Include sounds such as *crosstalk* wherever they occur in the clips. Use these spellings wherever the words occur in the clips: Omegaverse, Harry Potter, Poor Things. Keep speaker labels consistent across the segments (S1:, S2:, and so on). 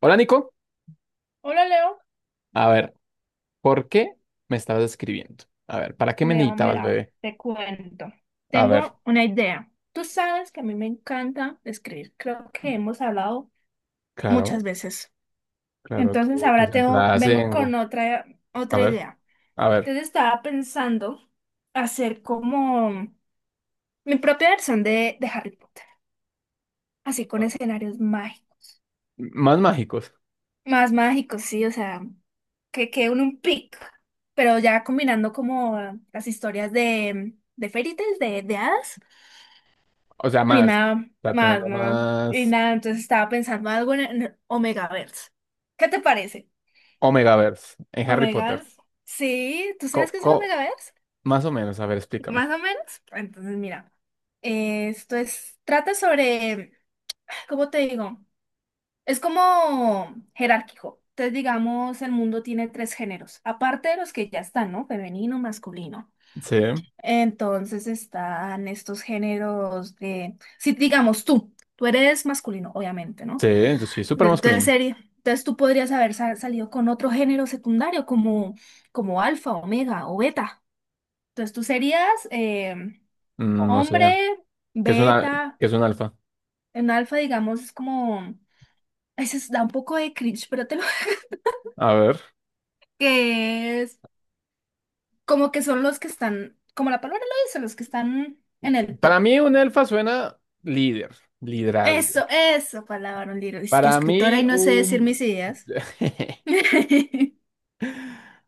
S1: Hola Nico,
S2: Hola Leo,
S1: a ver, ¿por qué me estabas escribiendo? A ver, ¿para qué me
S2: Leo,
S1: necesitabas,
S2: mira,
S1: bebé?
S2: te cuento.
S1: A ver,
S2: Tengo una idea. Tú sabes que a mí me encanta escribir, creo que hemos hablado muchas
S1: claro,
S2: veces.
S1: claro,
S2: Entonces
S1: tus
S2: ahora
S1: entradas
S2: vengo
S1: en...
S2: con otra,
S1: A
S2: otra
S1: ver,
S2: idea.
S1: a ver,
S2: Entonces estaba pensando hacer como mi propia versión de Harry Potter, así con escenarios mágicos.
S1: más mágicos,
S2: Más mágicos, sí, o sea, que quede un pic, pero ya combinando como las historias de fairy tales, de hadas.
S1: o sea,
S2: Y
S1: más,
S2: nada
S1: para
S2: más,
S1: tenerlo
S2: nada. Y
S1: más
S2: nada, entonces estaba pensando algo en Omegaverse. ¿Qué te parece?
S1: Omegaverse en Harry Potter.
S2: Omegaverse. Sí, ¿tú
S1: Co,
S2: sabes qué es el
S1: co-
S2: Omegaverse?
S1: más o menos, a ver, explícame.
S2: Más o menos. Entonces, mira, esto es, trata sobre, ¿cómo te digo? Es como jerárquico. Entonces, digamos, el mundo tiene tres géneros, aparte de los que ya están, ¿no? Femenino, masculino.
S1: Sí,
S2: Entonces están estos géneros de, si digamos tú eres masculino, obviamente, ¿no?
S1: sí, yo sí, súper
S2: Entonces,
S1: masculino.
S2: entonces tú podrías haber salido con otro género secundario como, como alfa, omega o beta. Entonces tú serías
S1: No sé,
S2: hombre,
S1: ¿qué es una,
S2: beta,
S1: qué es un alfa?
S2: en alfa digamos es como, da un poco de cringe, pero te lo...
S1: A ver,
S2: *laughs* que es como que son los que están, como la palabra lo dice, los que están en el
S1: para
S2: top.
S1: mí un alfa suena líder, liderazgo.
S2: Eso, palabra, un libro. Es que
S1: Para
S2: escritora y
S1: mí,
S2: no sé decir
S1: un...
S2: mis ideas.
S1: *laughs*
S2: *laughs*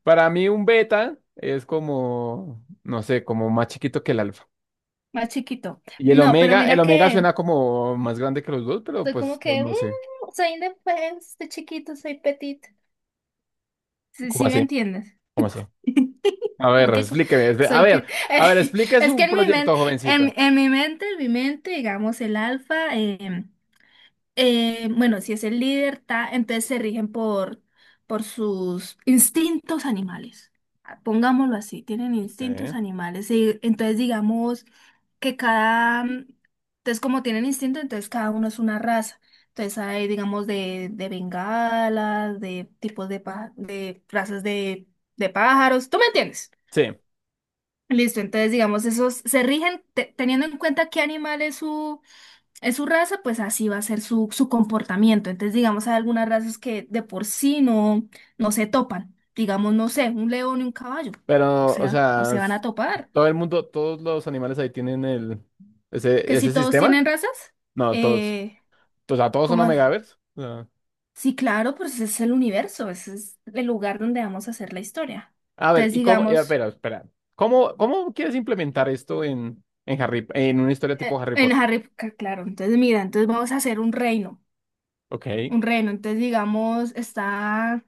S1: Para mí un beta es como, no sé, como más chiquito que el alfa.
S2: Más chiquito.
S1: Y el
S2: No, pero
S1: omega, el
S2: mira
S1: omega suena
S2: que...
S1: como más grande que los dos, pero
S2: Soy como
S1: pues no,
S2: que, "Mm,
S1: no sé.
S2: soy indefensa, de chiquito, soy petit. Sí,
S1: ¿Cómo
S2: sí me
S1: así?
S2: entiendes.
S1: ¿Cómo así?
S2: *laughs*
S1: A
S2: Como
S1: ver,
S2: que
S1: explíqueme.
S2: soy
S1: A ver,
S2: *laughs*
S1: explique
S2: es que
S1: su
S2: en mi mente,
S1: proyecto, jovencita.
S2: digamos, el alfa. Bueno, si es el líder, ta, entonces se rigen por sus instintos animales. Ah, pongámoslo así, tienen
S1: Sí.
S2: instintos animales. Y entonces digamos que entonces como tienen instinto, entonces cada uno es una raza. Entonces hay, digamos, de bengalas, de tipos de, de razas de pájaros, ¿tú me entiendes?
S1: Sí,
S2: Listo, entonces digamos, esos se rigen teniendo en cuenta qué animal es su raza, pues así va a ser su comportamiento. Entonces, digamos, hay algunas razas que de por sí no, no se topan. Digamos, no sé, un león y un caballo. O
S1: pero, o
S2: sea, no
S1: sea,
S2: se van a topar.
S1: todo el mundo, todos los animales ahí tienen el, ese,
S2: Que si
S1: ese
S2: todos
S1: sistema.
S2: tienen razas,
S1: No, todos,
S2: eh,
S1: o sea, todos son
S2: como,
S1: omegavers.
S2: sí, claro, pues ese es el universo, ese es el lugar donde vamos a hacer la historia.
S1: A ver,
S2: Entonces,
S1: ¿y cómo? eh,
S2: digamos,
S1: espera, espera. ¿Cómo quieres implementar esto en una historia tipo Harry
S2: en
S1: Potter?
S2: Harry Potter, claro, entonces mira, entonces vamos a hacer un reino,
S1: Ok,
S2: un reino. Entonces, digamos, está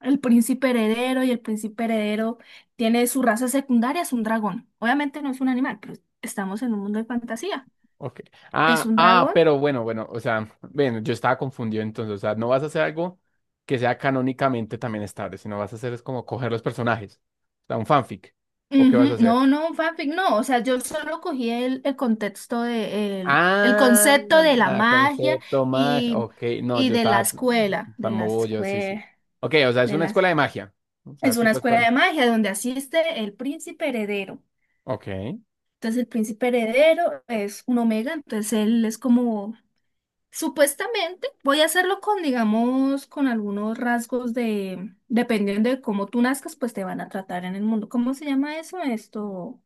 S2: el príncipe heredero y el príncipe heredero tiene su raza secundaria, es un dragón. Obviamente no es un animal, pero estamos en un mundo de fantasía.
S1: ok.
S2: ¿Es
S1: Ah,
S2: un
S1: ah,
S2: dragón?
S1: pero bueno, bueno, o sea, ven, yo estaba confundido entonces, o sea, no vas a hacer algo que sea canónicamente también estable, sino vas a hacer es como coger los personajes, o sea, un fanfic, ¿o qué vas a
S2: Ujú.
S1: hacer?
S2: No, no, un fanfic, no. O sea, yo solo cogí el contexto de el
S1: Ah,
S2: concepto de la magia
S1: concepto mag,
S2: y,
S1: ok, no,
S2: y
S1: yo
S2: de la
S1: estaba
S2: escuela,
S1: tan bobo, yo sí, sí. Ok, o sea, es
S2: de
S1: una
S2: las
S1: escuela de magia, o sea,
S2: es una
S1: tipo,
S2: escuela de magia donde asiste el príncipe heredero.
S1: ok,
S2: Entonces el príncipe heredero es un omega, entonces él es como supuestamente voy a hacerlo con, digamos, con algunos rasgos de, dependiendo de cómo tú nazcas, pues te van a tratar en el mundo. ¿Cómo se llama eso? Esto,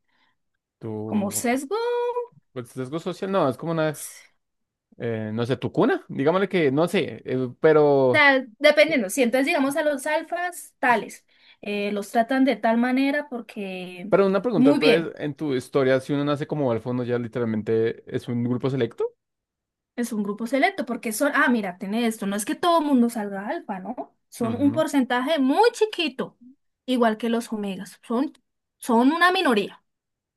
S2: como
S1: tú.
S2: sesgo,
S1: Pues sesgo social, no, es como una, no sé, tu cuna, digámosle que, no sé, pero,
S2: tal, dependiendo. Si entonces, digamos, a los alfas, tales, los tratan de tal manera porque,
S1: pero una pregunta,
S2: muy
S1: entonces,
S2: bien,
S1: en tu historia, si uno nace como al fondo ya literalmente es un grupo selecto.
S2: es un grupo selecto, porque son, ah, mira, tiene esto, no es que todo mundo salga alfa, ¿no? Son un
S1: Ujú.
S2: porcentaje muy chiquito, igual que los omegas, son, son una minoría.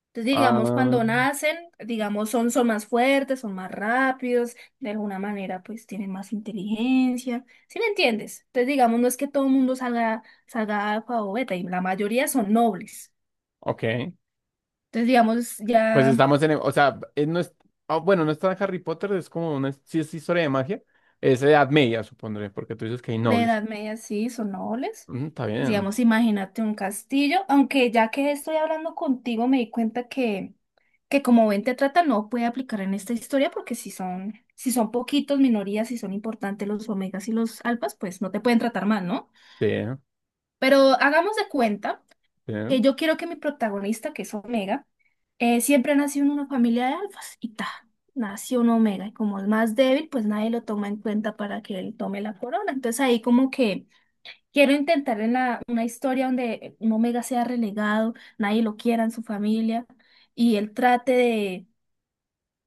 S2: Entonces, digamos,
S1: Ah,
S2: cuando nacen, digamos, son, son más fuertes, son más rápidos, de alguna manera, pues tienen más inteligencia. ¿Sí me entiendes? Entonces, digamos, no es que todo el mundo salga, salga alfa o beta, y la mayoría son nobles.
S1: ok.
S2: Entonces, digamos,
S1: Pues
S2: ya.
S1: estamos en, o sea, no es, ah, bueno, no está en Harry Potter, es como una, sí es historia de magia, es Edad Media, supondré, porque tú dices que hay
S2: De
S1: nobles.
S2: Edad Media sí, son nobles.
S1: Ujú, está bien,
S2: Digamos, imagínate un castillo, aunque ya que estoy hablando contigo me di cuenta que como ven te trata no puede aplicar en esta historia porque si son, si son poquitos minorías y son importantes los omegas y los alfas, pues no te pueden tratar mal, ¿no?
S1: bien,
S2: Pero hagamos de cuenta que
S1: bien.
S2: yo quiero que mi protagonista, que es omega, siempre nació en una familia de alfas y ta, nació un omega y como es más débil, pues nadie lo toma en cuenta para que él tome la corona. Entonces ahí como que... Quiero intentar en una historia donde un omega sea relegado, nadie lo quiera en su familia y él trate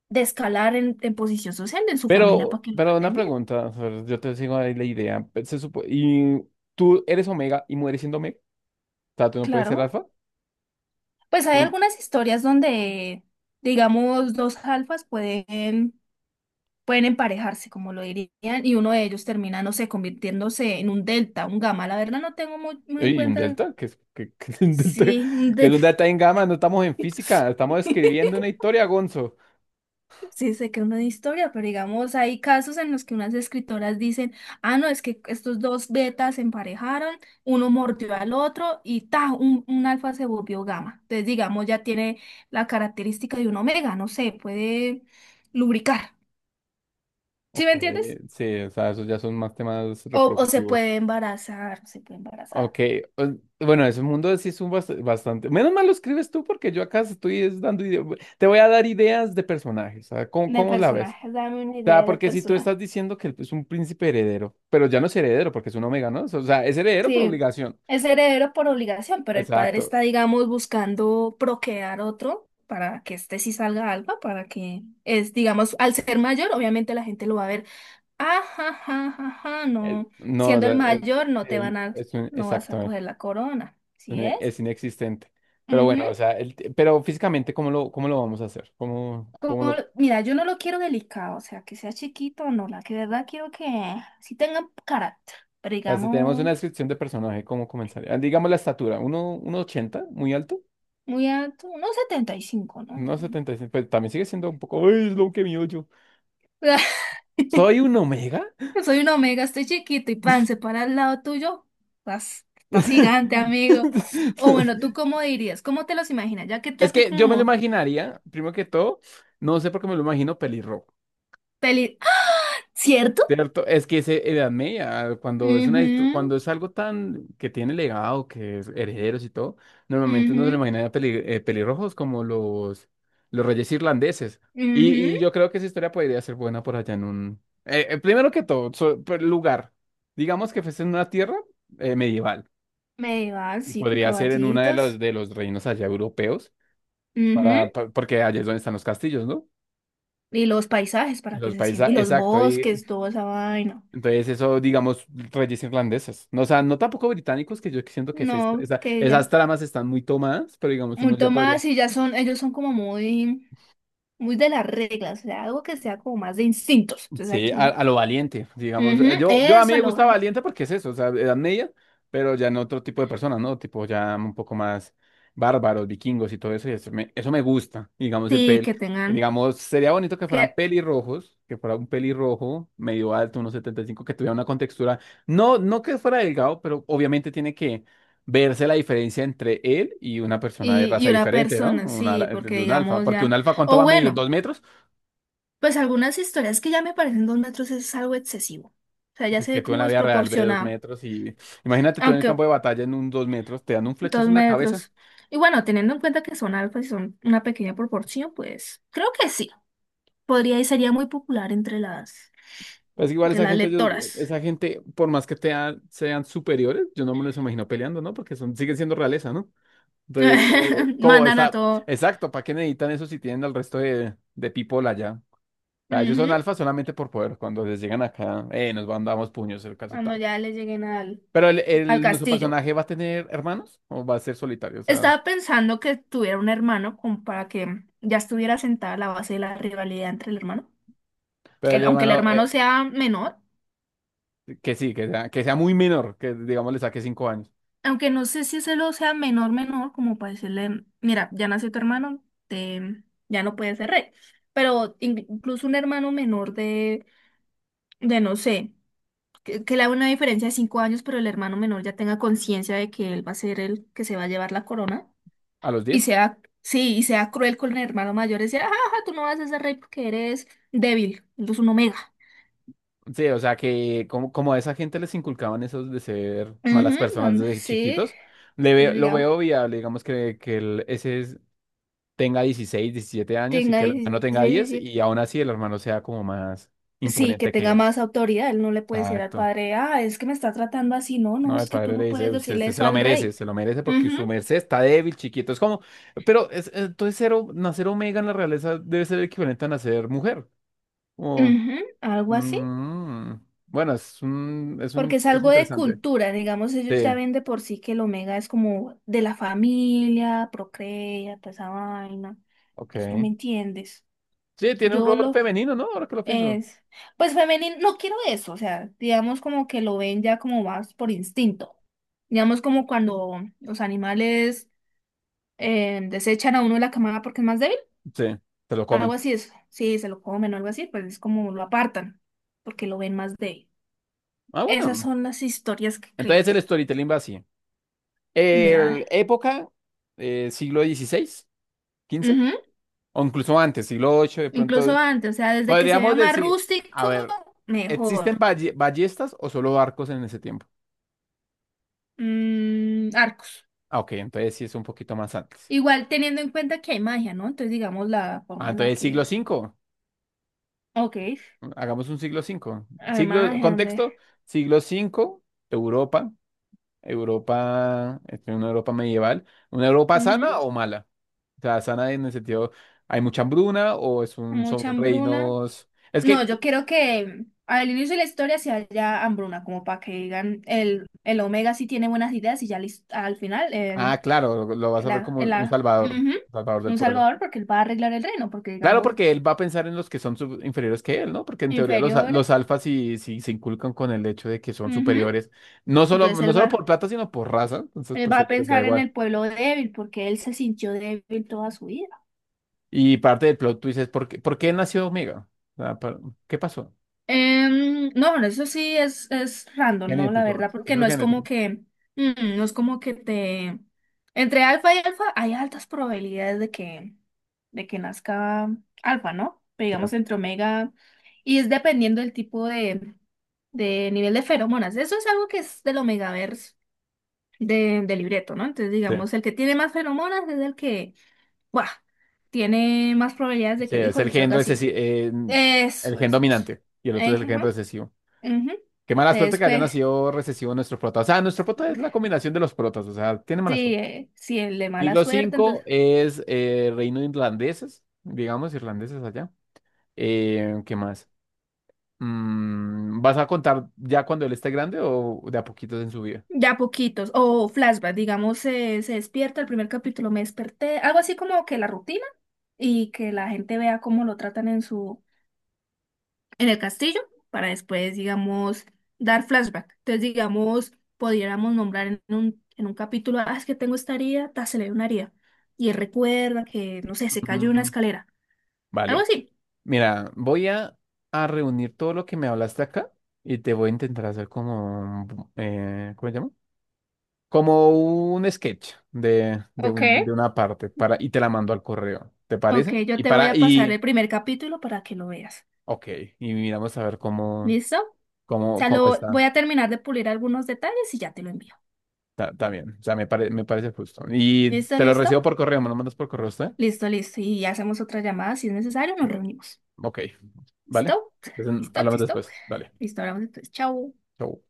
S2: de escalar en posición social en su familia para
S1: Pero,
S2: que lo
S1: pero una
S2: traten bien.
S1: pregunta, o sea, yo te sigo ahí la idea, pues, se supo, y tú eres Omega y mueres siendo Omega. Sea, tú no puedes ser
S2: Claro,
S1: alfa.
S2: pues hay
S1: Un-
S2: algunas historias donde, digamos, dos alfas pueden, pueden emparejarse, como lo dirían, y uno de ellos termina, no sé, convirtiéndose en un delta, un gamma. La verdad no tengo muy, muy en
S1: Y un
S2: cuenta,
S1: delta, *laughs* que es un delta,
S2: sí, un
S1: que es un
S2: delta.
S1: delta en gamma, no estamos en física, estamos
S2: *laughs*
S1: escribiendo una historia, Gonzo.
S2: Sí, sé que es una historia, pero digamos, hay casos en los que unas escritoras dicen, ah, no, es que estos dos betas se emparejaron, uno mordió al otro y ta, un alfa se volvió gamma. Entonces, digamos, ya tiene la característica de un omega, no sé, puede lubricar. ¿Sí
S1: Ok,
S2: me entiendes?
S1: sí, o sea, esos ya son más temas
S2: O se
S1: reproductivos.
S2: puede embarazar, se puede embarazar.
S1: Ok, o- bueno, ese mundo sí es un bastante. Menos mal lo escribes tú porque yo acá estoy es dando te voy a dar ideas de personajes, ¿sabes? ¿Cómo,
S2: De
S1: cómo la ves?
S2: personajes, dame una
S1: O sea,
S2: idea de
S1: porque si tú
S2: personaje.
S1: estás diciendo que es un príncipe heredero, pero ya no es heredero porque es un omega, ¿no? O sea, es heredero por
S2: Sí,
S1: obligación.
S2: es heredero por obligación, pero el padre
S1: Exacto.
S2: está, digamos, buscando procrear otro para que este sí salga algo, para que es, digamos, al ser mayor, obviamente la gente lo va a ver, ajá, ajá, ajá, no,
S1: No, o
S2: siendo
S1: sea,
S2: el mayor no te van a, no vas a
S1: exacto,
S2: coger la corona, ¿sí es?
S1: es inexistente. Pero bueno, o
S2: Ujú.
S1: sea, pero físicamente, ¿cómo lo vamos a hacer?
S2: Como,
S1: O
S2: mira, yo no lo quiero delicado, o sea, que sea chiquito, no, la que de verdad quiero que sí tenga carácter, pero
S1: sea, si tenemos una
S2: digamos,
S1: descripción de personaje, ¿cómo comenzaría? Ah, digamos la estatura, uno ochenta, muy alto,
S2: muy alto, unos 75, ¿no?
S1: 1,75, pues también sigue siendo un poco, ¡ay, es lo que mío yo!
S2: *laughs*
S1: ¿Soy un omega?
S2: Yo soy un omega, estoy chiquito y pan, se para al lado tuyo. Estás gigante,
S1: *laughs*
S2: amigo. O bueno, ¿tú cómo dirías? ¿Cómo te los imaginas? Ya que
S1: Es
S2: yo te
S1: que yo me lo
S2: como
S1: imaginaría, primero que todo, no sé por qué me lo imagino pelirrojo.
S2: peli... ¡Ah! ¿Cierto?
S1: Cierto, es que ese Edad Media,
S2: Mhm,
S1: cuando es algo tan que tiene legado, que es herederos y todo, normalmente uno se lo
S2: mhm,
S1: imagina de pelirrojos como los reyes irlandeses. Y,
S2: mhm.
S1: y yo creo que esa historia podría ser buena por allá en un... primero que todo, por lugar. Digamos que fuese en una tierra medieval.
S2: Medieval,
S1: Y
S2: sí, con
S1: podría ser en uno de los,
S2: caballitos.
S1: de los reinos allá europeos,
S2: Mhm.
S1: porque allá es donde están los castillos, ¿no?
S2: Y los paisajes para que
S1: Los
S2: se
S1: países,
S2: sientan. Y los
S1: exacto.
S2: bosques, toda esa vaina.
S1: Entonces, eso, digamos, reyes irlandeses. No, o sea, no tampoco británicos, que yo siento que
S2: No, que
S1: esas
S2: ya.
S1: tramas están muy tomadas, pero digamos, uno
S2: Mucho
S1: ya podría.
S2: más y ya son, ellos son como muy, muy de las reglas. O sea, algo que sea como más de instintos. Entonces ahí
S1: Sí, a,
S2: tienen.
S1: a lo valiente, digamos. eh,
S2: Ujú,
S1: Yo, yo a mí
S2: eso
S1: me
S2: lo
S1: gusta valiente porque es eso, o sea, edad media, pero ya en otro tipo de personas, ¿no? Tipo ya un poco más bárbaros, vikingos y todo eso, y eso me gusta, digamos, el
S2: sí,
S1: pel.
S2: que tengan
S1: Digamos, sería bonito que
S2: que
S1: fueran pelirrojos, que fuera un pelirrojo medio alto, unos 1,75, que tuviera una contextura, no, no que fuera delgado, pero obviamente tiene que verse la diferencia entre él y una persona de raza
S2: y una
S1: diferente, ¿no?
S2: persona,
S1: Una,
S2: sí, porque
S1: de un alfa,
S2: digamos
S1: porque un
S2: ya.
S1: alfa, ¿cuánto
S2: O
S1: va a medir?
S2: bueno,
S1: ¿2 metros?
S2: pues algunas historias que ya me parecen 2 metros es algo excesivo. O sea, ya
S1: Es
S2: se
S1: que
S2: ve
S1: tú en
S2: como
S1: la vida real ves dos
S2: desproporcionado.
S1: metros y imagínate tú en el
S2: Aunque
S1: campo de batalla en un 2 metros, te dan un
S2: dos
S1: flechazo en la cabeza.
S2: metros. Y bueno, teniendo en cuenta que son alfas y son una pequeña proporción, pues creo que sí. Podría y sería muy popular
S1: Pues igual
S2: entre las lectoras.
S1: esa gente, por más que sean superiores, yo no me los imagino peleando, ¿no? Porque son, siguen siendo realeza, ¿no? Entonces, como,
S2: *laughs*
S1: como
S2: Mandan a
S1: está,
S2: todo.
S1: exacto, ¿para qué necesitan eso si tienen al resto de people allá? O sea, ellos son
S2: Ujú,
S1: alfa solamente por poder. Cuando les llegan acá, nos mandamos puños, el caso
S2: cuando
S1: tal.
S2: ya le lleguen al,
S1: Pero
S2: al
S1: nuestro
S2: castillo.
S1: personaje va a tener hermanos o va a ser solitario, o sea,
S2: Estaba pensando que tuviera un hermano como para que ya estuviera sentada la base de la rivalidad entre el hermano.
S1: pero
S2: Que
S1: el
S2: aunque el
S1: hermano,
S2: hermano sea menor,
S1: que sí, que sea muy menor, que digamos le saque 5 años.
S2: aunque no sé si ese lo sea menor, menor, como para decirle, mira, ya nació tu hermano, ya no puedes ser rey. Pero incluso un hermano menor de no sé, que le haga una diferencia de 5 años, pero el hermano menor ya tenga conciencia de que él va a ser el que se va a llevar la corona.
S1: ¿A los
S2: Y
S1: 10?
S2: sea, sí, y sea cruel con el hermano mayor, decir, ajá, ajá, tú no vas a ser rey porque eres débil, eres un omega.
S1: Sí, o sea que como a esa gente les inculcaban esos de ser malas
S2: Ujú,
S1: personas desde
S2: sí,
S1: chiquitos,
S2: entonces
S1: lo
S2: digamos,
S1: veo viable, digamos que tenga 16, 17 años y
S2: tenga
S1: que el
S2: 16,
S1: hermano tenga 10
S2: 17.
S1: y aún así el hermano sea como más
S2: Sí, que
S1: imponente que
S2: tenga
S1: él.
S2: más autoridad, él no le puede decir al
S1: Exacto.
S2: padre, ah, es que me está tratando así, no, no,
S1: No, el
S2: es que tú
S1: padre le
S2: no
S1: dice,
S2: puedes
S1: usted,
S2: decirle
S1: usted
S2: eso al rey.
S1: se lo merece porque su
S2: Ujú,
S1: merced está débil, chiquito. Es como, pero es, entonces cero, nacer omega en la realeza debe ser equivalente a nacer mujer.
S2: ujú, algo así,
S1: Mm, bueno, es un, es un,
S2: porque es
S1: es
S2: algo de
S1: interesante.
S2: cultura, digamos, ellos
S1: Sí,
S2: ya ven de por sí que el omega es como de la familia, procrea, toda esa vaina, pues tú
S1: ok.
S2: me entiendes.
S1: Sí, tiene un
S2: Yo
S1: rol
S2: lo,
S1: femenino, ¿no? Ahora que lo pienso.
S2: es, pues femenino, no quiero eso, o sea, digamos como que lo ven ya como más por instinto. Digamos como cuando los animales desechan a uno de la camada porque es más débil,
S1: Sí, te lo
S2: algo
S1: comen.
S2: así es, sí, se lo comen o algo así, pues es como lo apartan, porque lo ven más débil.
S1: Ah,
S2: Esas
S1: bueno.
S2: son las historias que creo.
S1: Entonces el storytelling va así.
S2: De, ah,
S1: El época, siglo dieciséis quince
S2: ujú,
S1: o incluso antes, siglo VIII de
S2: incluso
S1: pronto.
S2: antes, o sea, desde que se vea
S1: Podríamos
S2: más
S1: decir, a
S2: rústico,
S1: ver, ¿existen
S2: mejor.
S1: ballestas o solo barcos en ese tiempo?
S2: Mm, arcos.
S1: Ah, ok, entonces sí es un poquito más antes.
S2: Igual teniendo en cuenta que hay magia, ¿no? Entonces, digamos, la
S1: Ah,
S2: forma en la
S1: entonces siglo
S2: que
S1: V.
S2: ok,
S1: Hagamos un siglo V.
S2: además de Andes.
S1: Contexto, siglo V Europa, Europa, este, una Europa medieval. ¿Una Europa sana
S2: Ujú,
S1: o mala? O sea, sana en el sentido, ¿hay mucha hambruna o son
S2: mucha hambruna.
S1: reinos? Es
S2: No,
S1: que,
S2: yo quiero que al inicio de la historia se haya hambruna, como para que digan el omega sí tiene buenas ideas y ya al final el,
S1: claro, lo vas a ver como un salvador,
S2: ujú,
S1: salvador del
S2: un
S1: pueblo.
S2: salvador porque él va a arreglar el reino, porque
S1: Claro,
S2: digamos
S1: porque él va a pensar en los que son inferiores que él, ¿no? Porque en teoría
S2: inferior.
S1: los alfas sí, sí se inculcan con el hecho de que son
S2: Ujú,
S1: superiores, no solo,
S2: entonces
S1: no solo por plata, sino por raza, entonces
S2: él
S1: pues
S2: va
S1: a
S2: a
S1: ellos les da
S2: pensar en
S1: igual.
S2: el pueblo débil porque él se sintió débil toda su vida.
S1: Y parte del plot twist es ¿por qué nació Omega? O sea, ¿qué pasó?
S2: No, bueno, eso sí es random, ¿no? La
S1: Genético,
S2: verdad, porque
S1: eso es
S2: no es como
S1: genético.
S2: que, mm, no es como que te... Entre alfa y alfa hay altas probabilidades de que nazca alfa, ¿no? Pero
S1: Sí,
S2: digamos entre omega, y es dependiendo del tipo de nivel de feromonas. Eso es algo que es del omegaverse de, del libreto, ¿no? Entonces,
S1: sí.
S2: digamos, el que tiene más feromonas es el que, ¡buah! Tiene más probabilidades de
S1: Sí,
S2: que el
S1: es
S2: hijo le salga así.
S1: el
S2: Eso,
S1: gen
S2: eso, eso.
S1: dominante y el otro es el
S2: Ejé,
S1: gen
S2: ajá.
S1: recesivo.
S2: Ujú.
S1: Qué mala suerte
S2: Entonces,
S1: que haya
S2: fue
S1: nacido recesivo nuestro prota. O sea, nuestro prota es la combinación de los protas, o sea, tiene mala
S2: sí,
S1: suerte.
S2: sí, el de mala
S1: Siglo
S2: suerte,
S1: cinco
S2: entonces,
S1: es reino de irlandeses, digamos, irlandeses allá. ¿Qué más? ¿Vas a contar ya cuando él esté grande o de a poquitos en su vida?
S2: ya poquitos. O flashback, digamos, se despierta, el primer capítulo me desperté, algo así como que la rutina y que la gente vea cómo lo tratan en su, en el castillo, para después, digamos, dar flashback. Entonces, digamos, pudiéramos nombrar en un capítulo, ah, es que tengo esta herida, ta, se le ve una herida. Y él recuerda que, no sé, se cayó de una
S1: Mm,
S2: escalera. Algo
S1: vale.
S2: así.
S1: Mira, voy a reunir todo lo que me hablaste acá y te voy a intentar hacer como, ¿cómo se llama? Como un sketch de, de,
S2: Ok.
S1: un- de una parte y te la mando al correo. ¿Te
S2: Ok,
S1: parece?
S2: yo
S1: Y
S2: te voy a pasar el primer capítulo para que lo veas.
S1: ok, y miramos a ver cómo,
S2: ¿Listo? O
S1: cómo,
S2: sea,
S1: cómo
S2: lo
S1: está.
S2: voy a terminar de pulir algunos detalles y ya te lo envío.
S1: Está bien, o sea, me parece justo. Y
S2: ¿Listo,
S1: te lo recibo
S2: listo?
S1: por correo, ¿me lo mandas por correo usted?
S2: Listo, listo. Y hacemos otra llamada si es necesario, nos reunimos.
S1: Ok, ¿vale?
S2: ¿Listo?
S1: Entonces,
S2: ¿Listo?
S1: hablamos
S2: ¿Listo?
S1: después. Dale.
S2: Listo, hablamos entonces. Chao.
S1: Chau.